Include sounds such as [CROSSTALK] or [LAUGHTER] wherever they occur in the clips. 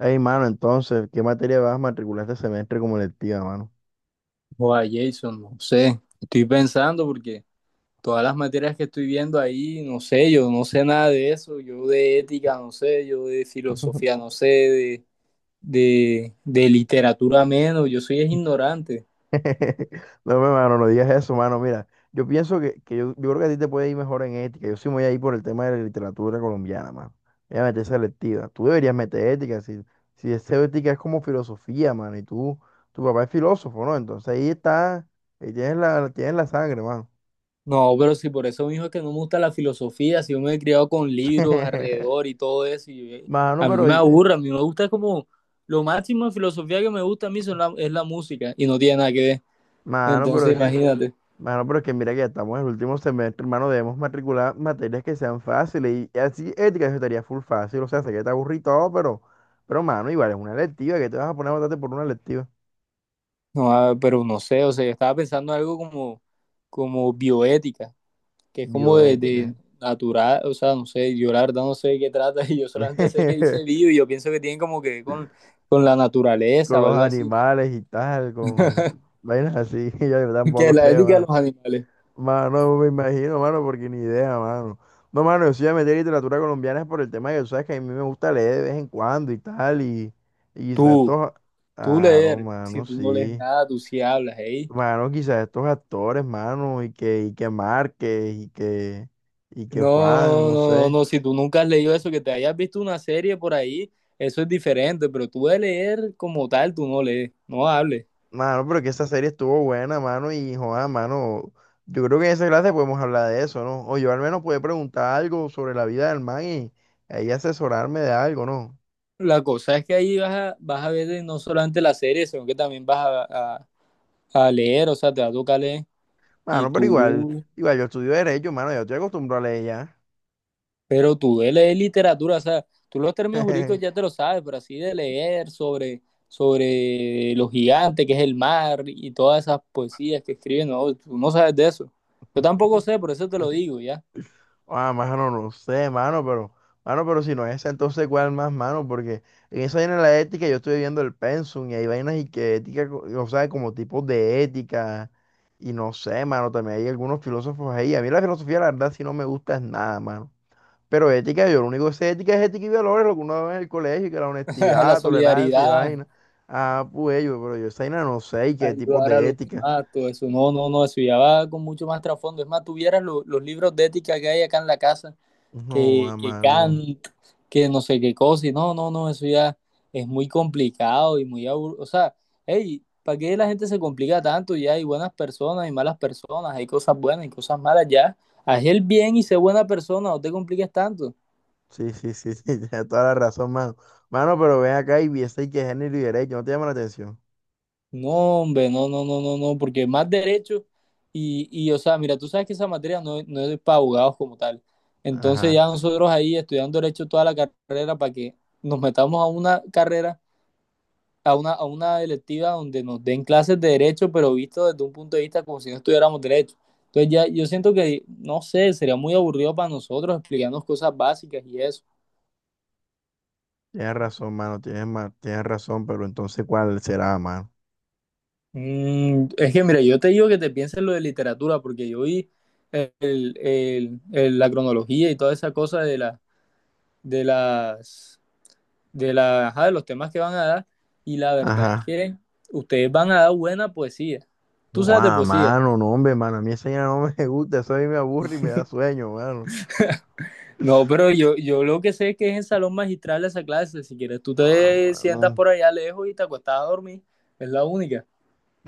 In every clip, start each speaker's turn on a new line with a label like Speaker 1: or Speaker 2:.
Speaker 1: Ey, mano, entonces, ¿qué materia vas a matricular este semestre como electiva, mano?
Speaker 2: O a Jason, no sé. Estoy pensando porque todas las materias que estoy viendo ahí, no sé, yo no sé nada de eso. Yo de ética, no sé, yo de filosofía,
Speaker 1: [LAUGHS]
Speaker 2: no sé, de literatura menos. Yo soy es ignorante.
Speaker 1: No, me, mano, no digas eso, mano. Mira, yo pienso que yo creo que a ti te puede ir mejor en ética. Yo sí me voy a ir por el tema de la literatura colombiana, mano. Voy a meter esa electiva. Tú deberías meter ética. Si, si es ética es como filosofía, mano. Y tú, tu papá es filósofo, ¿no? Entonces ahí está, ahí tienes tienes la sangre, mano.
Speaker 2: No, pero si por eso mismo es que no me gusta la filosofía, si yo me he criado con libros alrededor
Speaker 1: [LAUGHS]
Speaker 2: y todo eso,
Speaker 1: Mano,
Speaker 2: a mí
Speaker 1: pero,
Speaker 2: me aburre, a mí me gusta como lo máximo de filosofía que me gusta a mí es la música y no tiene nada que ver.
Speaker 1: mano, pero
Speaker 2: Entonces,
Speaker 1: es que
Speaker 2: imagínate.
Speaker 1: Mano, pero es que mira que ya estamos en el último semestre, hermano, debemos matricular materias que sean fáciles y así ética eso estaría full fácil, o sea, sé que te aburrí y todo, pero, mano, igual es una electiva, ¿que te vas a poner a matarte por una electiva?
Speaker 2: No, ah, pero no sé, o sea, yo estaba pensando algo como, como bioética, que es como
Speaker 1: Bioética.
Speaker 2: de natural, o sea, no sé, yo la verdad no sé de qué trata [LAUGHS] y yo solamente sé que dice
Speaker 1: [LAUGHS]
Speaker 2: bio y yo pienso que tiene como que ver con la naturaleza
Speaker 1: Con
Speaker 2: o
Speaker 1: los
Speaker 2: algo así,
Speaker 1: animales y tal, con vainas así, [LAUGHS] yo
Speaker 2: [LAUGHS] que
Speaker 1: tampoco
Speaker 2: la
Speaker 1: sé,
Speaker 2: ética de los
Speaker 1: mano.
Speaker 2: animales.
Speaker 1: Mano, me imagino, mano, porque ni idea, mano. No, mano, yo sí voy a meter literatura colombiana por el tema que tú sabes que a mí me gusta leer de vez en cuando y tal, y quizás
Speaker 2: Tú,
Speaker 1: estos...
Speaker 2: tú
Speaker 1: Claro,
Speaker 2: leer, si
Speaker 1: mano,
Speaker 2: tú no lees
Speaker 1: sí.
Speaker 2: nada, tú sí hablas, ¿eh?
Speaker 1: Mano, quizás estos actores, mano, y que Márquez, y que Juan,
Speaker 2: No,
Speaker 1: no
Speaker 2: no, no,
Speaker 1: sé.
Speaker 2: no, si tú nunca has leído eso, que te hayas visto una serie por ahí, eso es diferente, pero tú de leer como tal, tú no lees, no hables.
Speaker 1: Mano, pero que esa serie estuvo buena, mano, y Juan, mano, yo creo que en esa clase podemos hablar de eso, ¿no? O yo al menos puedo preguntar algo sobre la vida del man y ahí asesorarme de algo, ¿no?
Speaker 2: La cosa es que ahí vas a ver de no solamente la serie, sino que también a, a- a leer, o sea, te va a tocar leer. Y
Speaker 1: Mano, pero igual,
Speaker 2: tú,
Speaker 1: Igual yo estudio Derecho, mano, yo estoy acostumbrado a leer ya.
Speaker 2: pero tú de leer literatura, o sea, tú los términos jurídicos ya
Speaker 1: [LAUGHS]
Speaker 2: te lo sabes, pero así de leer sobre, sobre los gigantes, que es el mar, y todas esas poesías que escriben, no, tú no sabes de eso. Yo tampoco sé, por eso te lo digo, ya.
Speaker 1: Ah, mano, no sé, mano, pero si no es esa, entonces cuál más, mano, porque en esa vaina de la ética yo estoy viendo el pensum y hay vainas y que ética, o sea, como tipos de ética, y no sé, mano, también hay algunos filósofos ahí. A mí la filosofía, la verdad, si no me gusta es nada, mano. Pero ética, yo lo único que sé de ética es ética y valores, lo que uno ve en el colegio, que la
Speaker 2: [LAUGHS] La
Speaker 1: honestidad, tolerancia y
Speaker 2: solidaridad,
Speaker 1: vaina. Ah, pues yo, pero yo esa vaina no sé y qué tipos
Speaker 2: ayudar a
Speaker 1: de
Speaker 2: los
Speaker 1: ética.
Speaker 2: demás, todo eso. No, no, no, eso ya va con mucho más trasfondo. Es más, tuvieras los libros de ética que hay acá en la casa.
Speaker 1: No,
Speaker 2: que,
Speaker 1: ah,
Speaker 2: que
Speaker 1: mano.
Speaker 2: Kant, que no sé qué cosa, y no, no, no, eso ya es muy complicado y muy aburrido. O sea, hey, ¿para qué la gente se complica tanto? Ya hay buenas personas y malas personas, hay cosas buenas y cosas malas, ya. Haz el bien y sé buena persona, no te compliques tanto.
Speaker 1: Sí, sí, sí, sí, [LAUGHS] tienes toda la razón, mano. Mano, pero ven acá y viste y que género y derecho, ¿no te llama la atención?
Speaker 2: No, hombre, no, no, no, no, no, porque más derecho o sea, mira, tú sabes que esa materia no, no es para abogados como tal. Entonces ya
Speaker 1: Ajá,
Speaker 2: nosotros ahí estudiando derecho toda la carrera para que nos metamos a una carrera a a una electiva donde nos den clases de derecho, pero visto desde un punto de vista como si no estudiáramos derecho. Entonces ya yo siento que, no sé, sería muy aburrido para nosotros explicarnos cosas básicas y eso.
Speaker 1: tienes razón, mano, tienes razón, pero entonces, ¿cuál será, mano?
Speaker 2: Mm, es que, mira, yo te digo que te pienses lo de literatura, porque yo vi el- la cronología y toda esa cosa de, la, de, las, de, la, ajá, de los temas que van a dar, y la verdad es
Speaker 1: Ajá.
Speaker 2: que ustedes van a dar buena poesía. Tú sabes de
Speaker 1: Guau,
Speaker 2: poesía.
Speaker 1: mano, no, hombre, mano, a mí esa vaina no me [LAUGHS] gusta, eso a mí me aburre y me da sueño, mano.
Speaker 2: No, pero yo lo que sé es que es en salón magistral esa clase. Si quieres, tú
Speaker 1: Ah,
Speaker 2: te sientas
Speaker 1: mano,
Speaker 2: por allá lejos y te acuestas a dormir. Es la única.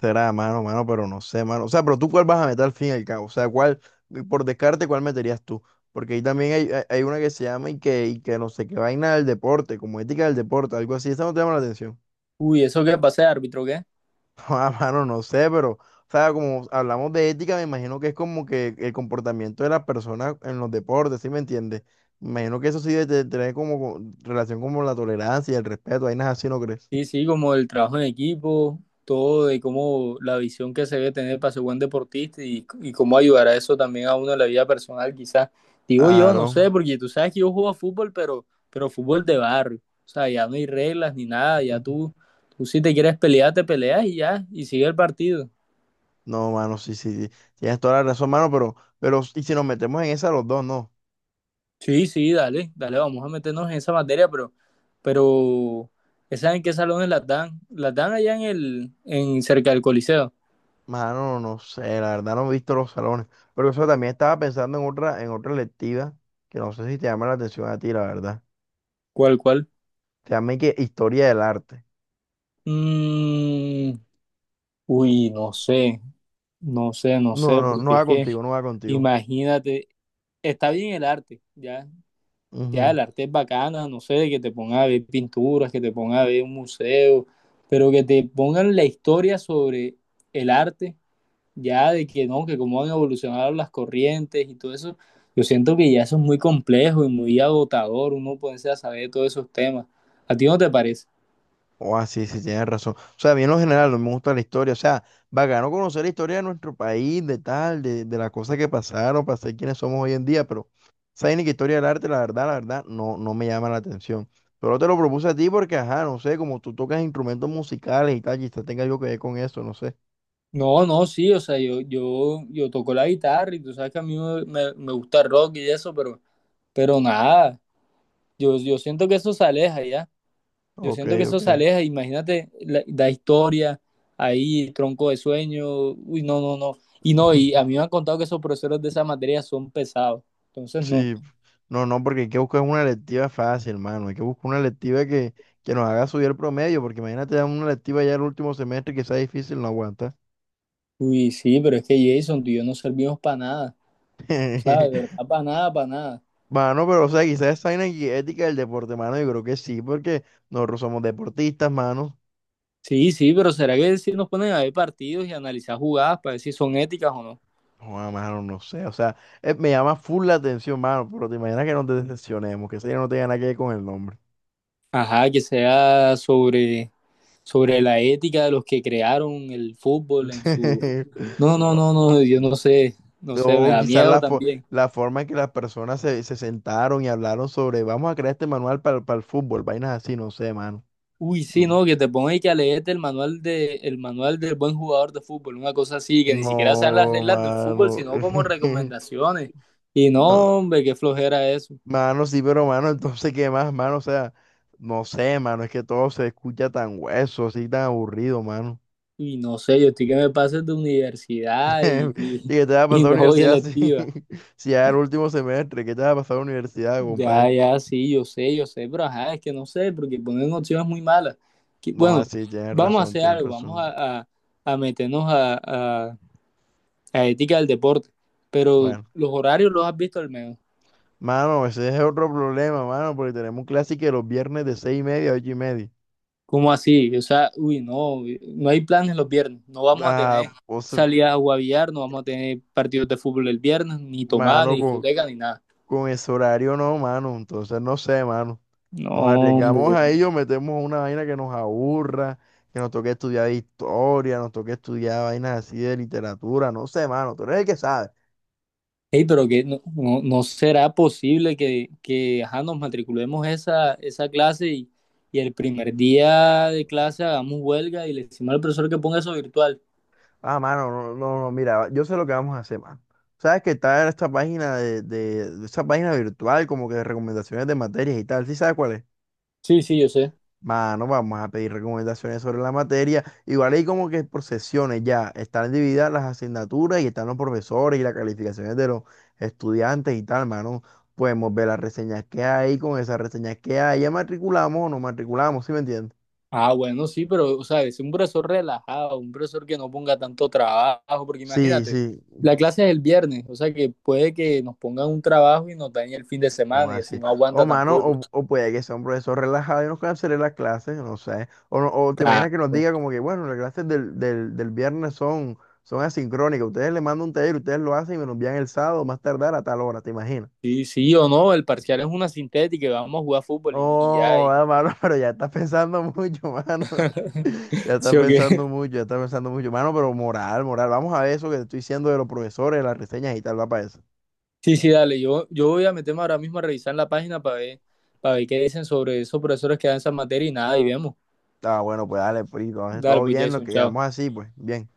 Speaker 1: será, mano, mano, pero no sé, mano. O sea, pero tú, ¿cuál vas a meter al fin y al cabo? O sea, ¿cuál, por descarte, cuál meterías tú? Porque ahí también hay, hay una que se llama y que no sé qué vaina del deporte, como ética del deporte, algo así, esa no te llama la atención.
Speaker 2: Uy, ¿eso qué pasa de árbitro qué?
Speaker 1: [LAUGHS] Ah, mano, no sé, pero, o sea, como hablamos de ética, me imagino que es como que el comportamiento de las personas en los deportes, ¿sí me entiendes? Me imagino que eso sí debe tener como relación como la tolerancia y el respeto, hay nada así, ¿no crees?
Speaker 2: Sí, sí, como el trabajo en equipo, todo de cómo la visión que se debe tener para ser buen deportista y cómo ayudar a eso también a uno en la vida personal, quizás. Digo yo, no
Speaker 1: Claro.
Speaker 2: sé, porque tú sabes que yo juego a fútbol, pero fútbol de barrio. O sea, ya no hay reglas ni nada,
Speaker 1: Ujú.
Speaker 2: tú si te quieres pelear, te peleas y ya, y sigue el partido.
Speaker 1: No, mano, sí, sí, sí, tienes toda la razón, mano, pero, y si nos metemos en esa los dos, no,
Speaker 2: Sí, sí, dale, dale, vamos a meternos en esa materia, pero, ¿saben en qué salones las dan? Las dan allá en cerca del Coliseo.
Speaker 1: mano, no sé, la verdad no he visto los salones, pero eso también estaba pensando en otra electiva, que no sé si te llama la atención a ti, la verdad,
Speaker 2: ¿Cuál, cuál?
Speaker 1: se llama y que Historia del Arte.
Speaker 2: Mm, uy, no sé, no sé, no
Speaker 1: No,
Speaker 2: sé,
Speaker 1: no, no
Speaker 2: porque es
Speaker 1: va contigo,
Speaker 2: que,
Speaker 1: no va contigo.
Speaker 2: imagínate, está bien el arte, ya, ya
Speaker 1: Ujú.
Speaker 2: el arte es bacana, no sé, que te pongan a ver pinturas, que te pongan a ver un museo, pero que te pongan la historia sobre el arte. Ya de que no, que cómo han evolucionado las corrientes y todo eso, yo siento que ya eso es muy complejo y muy agotador, uno ponerse a saber todos esos temas. ¿A ti no te parece?
Speaker 1: Oh, ah, sí, sí, tienes razón. O sea, bien en lo general, no me gusta la historia. O sea, bacano conocer la historia de nuestro país, de tal, de las cosas que pasaron, para ser quienes somos hoy en día, pero esa ni que historia del arte, la verdad, no, no me llama la atención. Pero te lo propuse a ti porque, ajá, no sé, como tú tocas instrumentos musicales y tal, quizás tenga yo que ver con eso, no sé.
Speaker 2: No, no, sí, o sea, yo toco la guitarra y tú sabes que a mí me gusta el rock y eso, pero nada, yo siento que eso se aleja ya, yo
Speaker 1: Ok,
Speaker 2: siento que eso se
Speaker 1: ok.
Speaker 2: aleja, imagínate la historia ahí, tronco de sueño, uy, no, no, no, y no, y a mí
Speaker 1: [LAUGHS]
Speaker 2: me han contado que esos profesores de esa materia son pesados, entonces no.
Speaker 1: Sí, no, no, porque hay que buscar una electiva fácil, hermano. Hay que buscar una electiva que nos haga subir el promedio, porque imagínate dar una electiva ya el último semestre que sea difícil, no aguanta.
Speaker 2: Uy, sí, pero es que Jason, tú y yo no servimos para nada. O sea, de
Speaker 1: [LAUGHS]
Speaker 2: verdad, para nada, para nada.
Speaker 1: Mano, pero o sea, quizás esa vaina y ética del deporte, mano, yo creo que sí, porque nosotros somos deportistas, mano.
Speaker 2: Sí, sí, pero ¿será que si nos ponen a ver partidos y analizar jugadas para ver si son éticas o no?
Speaker 1: No, mano, no sé, o sea, me llama full la atención, mano, pero te imaginas que nos decepcionemos, que eso ya no tenga nada que ver con el nombre.
Speaker 2: Ajá, que sea sobre, sobre la ética de los que crearon el fútbol en su...
Speaker 1: [LAUGHS]
Speaker 2: No, no,
Speaker 1: O-
Speaker 2: no, no, yo no sé, no sé, me
Speaker 1: O
Speaker 2: da
Speaker 1: quizás
Speaker 2: miedo también.
Speaker 1: la forma en que las se sentaron y hablaron sobre, vamos a crear este manual para el fútbol, vainas así, no sé, mano.
Speaker 2: Uy, sí,
Speaker 1: Mm.
Speaker 2: no, que te pongan y que a leerte el manual el manual del buen jugador de fútbol, una cosa así, que ni siquiera sean las
Speaker 1: No,
Speaker 2: reglas del fútbol,
Speaker 1: mano.
Speaker 2: sino como
Speaker 1: [LAUGHS]
Speaker 2: recomendaciones. Y no,
Speaker 1: No,
Speaker 2: hombre, qué flojera eso.
Speaker 1: mano, sí, pero mano, entonces, ¿qué más, mano? O sea, no sé, mano, es que todo se escucha tan hueso, así, tan aburrido, mano.
Speaker 2: Y no sé, yo estoy que me paso de
Speaker 1: [LAUGHS] ¿Y
Speaker 2: universidad
Speaker 1: qué te va a
Speaker 2: [LAUGHS]
Speaker 1: pasar
Speaker 2: y
Speaker 1: a la
Speaker 2: no voy
Speaker 1: universidad si,
Speaker 2: electiva.
Speaker 1: [LAUGHS] si ya era el último semestre? ¿Qué te va a pasar a la universidad,
Speaker 2: Ya,
Speaker 1: compadre?
Speaker 2: ya, sí, yo sé, pero ajá, es que no sé, porque ponen opciones muy malas. Que-
Speaker 1: No,
Speaker 2: Bueno,
Speaker 1: así, tienes
Speaker 2: vamos a
Speaker 1: razón,
Speaker 2: hacer
Speaker 1: tienes
Speaker 2: algo,
Speaker 1: razón.
Speaker 2: a meternos a- a ética del deporte, pero
Speaker 1: Bueno.
Speaker 2: los horarios los has visto al menos.
Speaker 1: Mano, ese es otro problema, mano, porque tenemos clase que los viernes de 6:30 a 8:30.
Speaker 2: ¿Cómo así? O sea, uy, no, no hay planes los viernes, no vamos a
Speaker 1: Ah,
Speaker 2: tener
Speaker 1: o sea,
Speaker 2: salidas a guavillar, no vamos a tener partidos de fútbol el viernes, ni tomada, ni
Speaker 1: mano,
Speaker 2: discoteca, ni nada.
Speaker 1: con ese horario no, mano. Entonces, no sé, mano.
Speaker 2: No,
Speaker 1: Nos arriesgamos
Speaker 2: hombre.
Speaker 1: a ello, metemos una vaina que nos aburra, que nos toque estudiar historia, nos toque estudiar vainas así de literatura, no sé, mano. Tú eres el que sabe.
Speaker 2: Ey, pero que no, no, no será posible que ajá, nos matriculemos esa clase y el primer día de clase hagamos huelga y le decimos al profesor que ponga eso virtual.
Speaker 1: Ah, mano, no, no, no, mira, yo sé lo que vamos a hacer, mano. Sabes que está en esta página de esta página virtual, como que de recomendaciones de materias y tal. ¿Sí sabes cuál es?
Speaker 2: Sí, sí, yo sé.
Speaker 1: Mano, vamos a pedir recomendaciones sobre la materia. Igual hay como que por sesiones ya están divididas las asignaturas y están los profesores y las calificaciones de los estudiantes y tal, mano. Podemos ver las reseñas que hay, con esas reseñas que hay, ya matriculamos o no matriculamos, ¿sí me entiendes?
Speaker 2: Ah, bueno, sí, pero, o sea, es un profesor relajado, un profesor que no ponga tanto trabajo, porque
Speaker 1: Sí,
Speaker 2: imagínate,
Speaker 1: sí.
Speaker 2: la clase es el viernes, o sea que puede que nos pongan un trabajo y nos dañe el fin de
Speaker 1: O
Speaker 2: semana y así
Speaker 1: así.
Speaker 2: no
Speaker 1: O
Speaker 2: aguanta
Speaker 1: mano,
Speaker 2: tampoco.
Speaker 1: o puede que sea un profesor relajado y nos cancele las clases, no sé. O, no- o te
Speaker 2: Claro.
Speaker 1: imaginas que nos diga como que, bueno, las clases del viernes son asincrónicas. Ustedes le mandan un taller, ustedes lo hacen y me lo envían el sábado, más tardar a tal hora, ¿te imaginas?
Speaker 2: Sí, sí o no, el parcial es una sintética y vamos a jugar fútbol y ya.
Speaker 1: Oh, ah, mano, [LAUGHS] pero ya estás pensando mucho, mano. [LAUGHS] Ya estás
Speaker 2: Sí, o
Speaker 1: pensando
Speaker 2: qué.
Speaker 1: mucho, ya estás pensando mucho. Mano, pero moral, moral. Vamos a ver eso que te estoy diciendo de los profesores, de las reseñas y tal, va para eso.
Speaker 2: Sí, sí, dale. Yo voy a meterme ahora mismo a revisar la página para ver qué dicen sobre esos profesores que dan esa materia y nada, y vemos.
Speaker 1: Ah, bueno, pues dale, pues, entonces
Speaker 2: Dale,
Speaker 1: todo
Speaker 2: pues
Speaker 1: bien, lo
Speaker 2: Jason,
Speaker 1: que
Speaker 2: chao.
Speaker 1: quedamos así, pues, bien.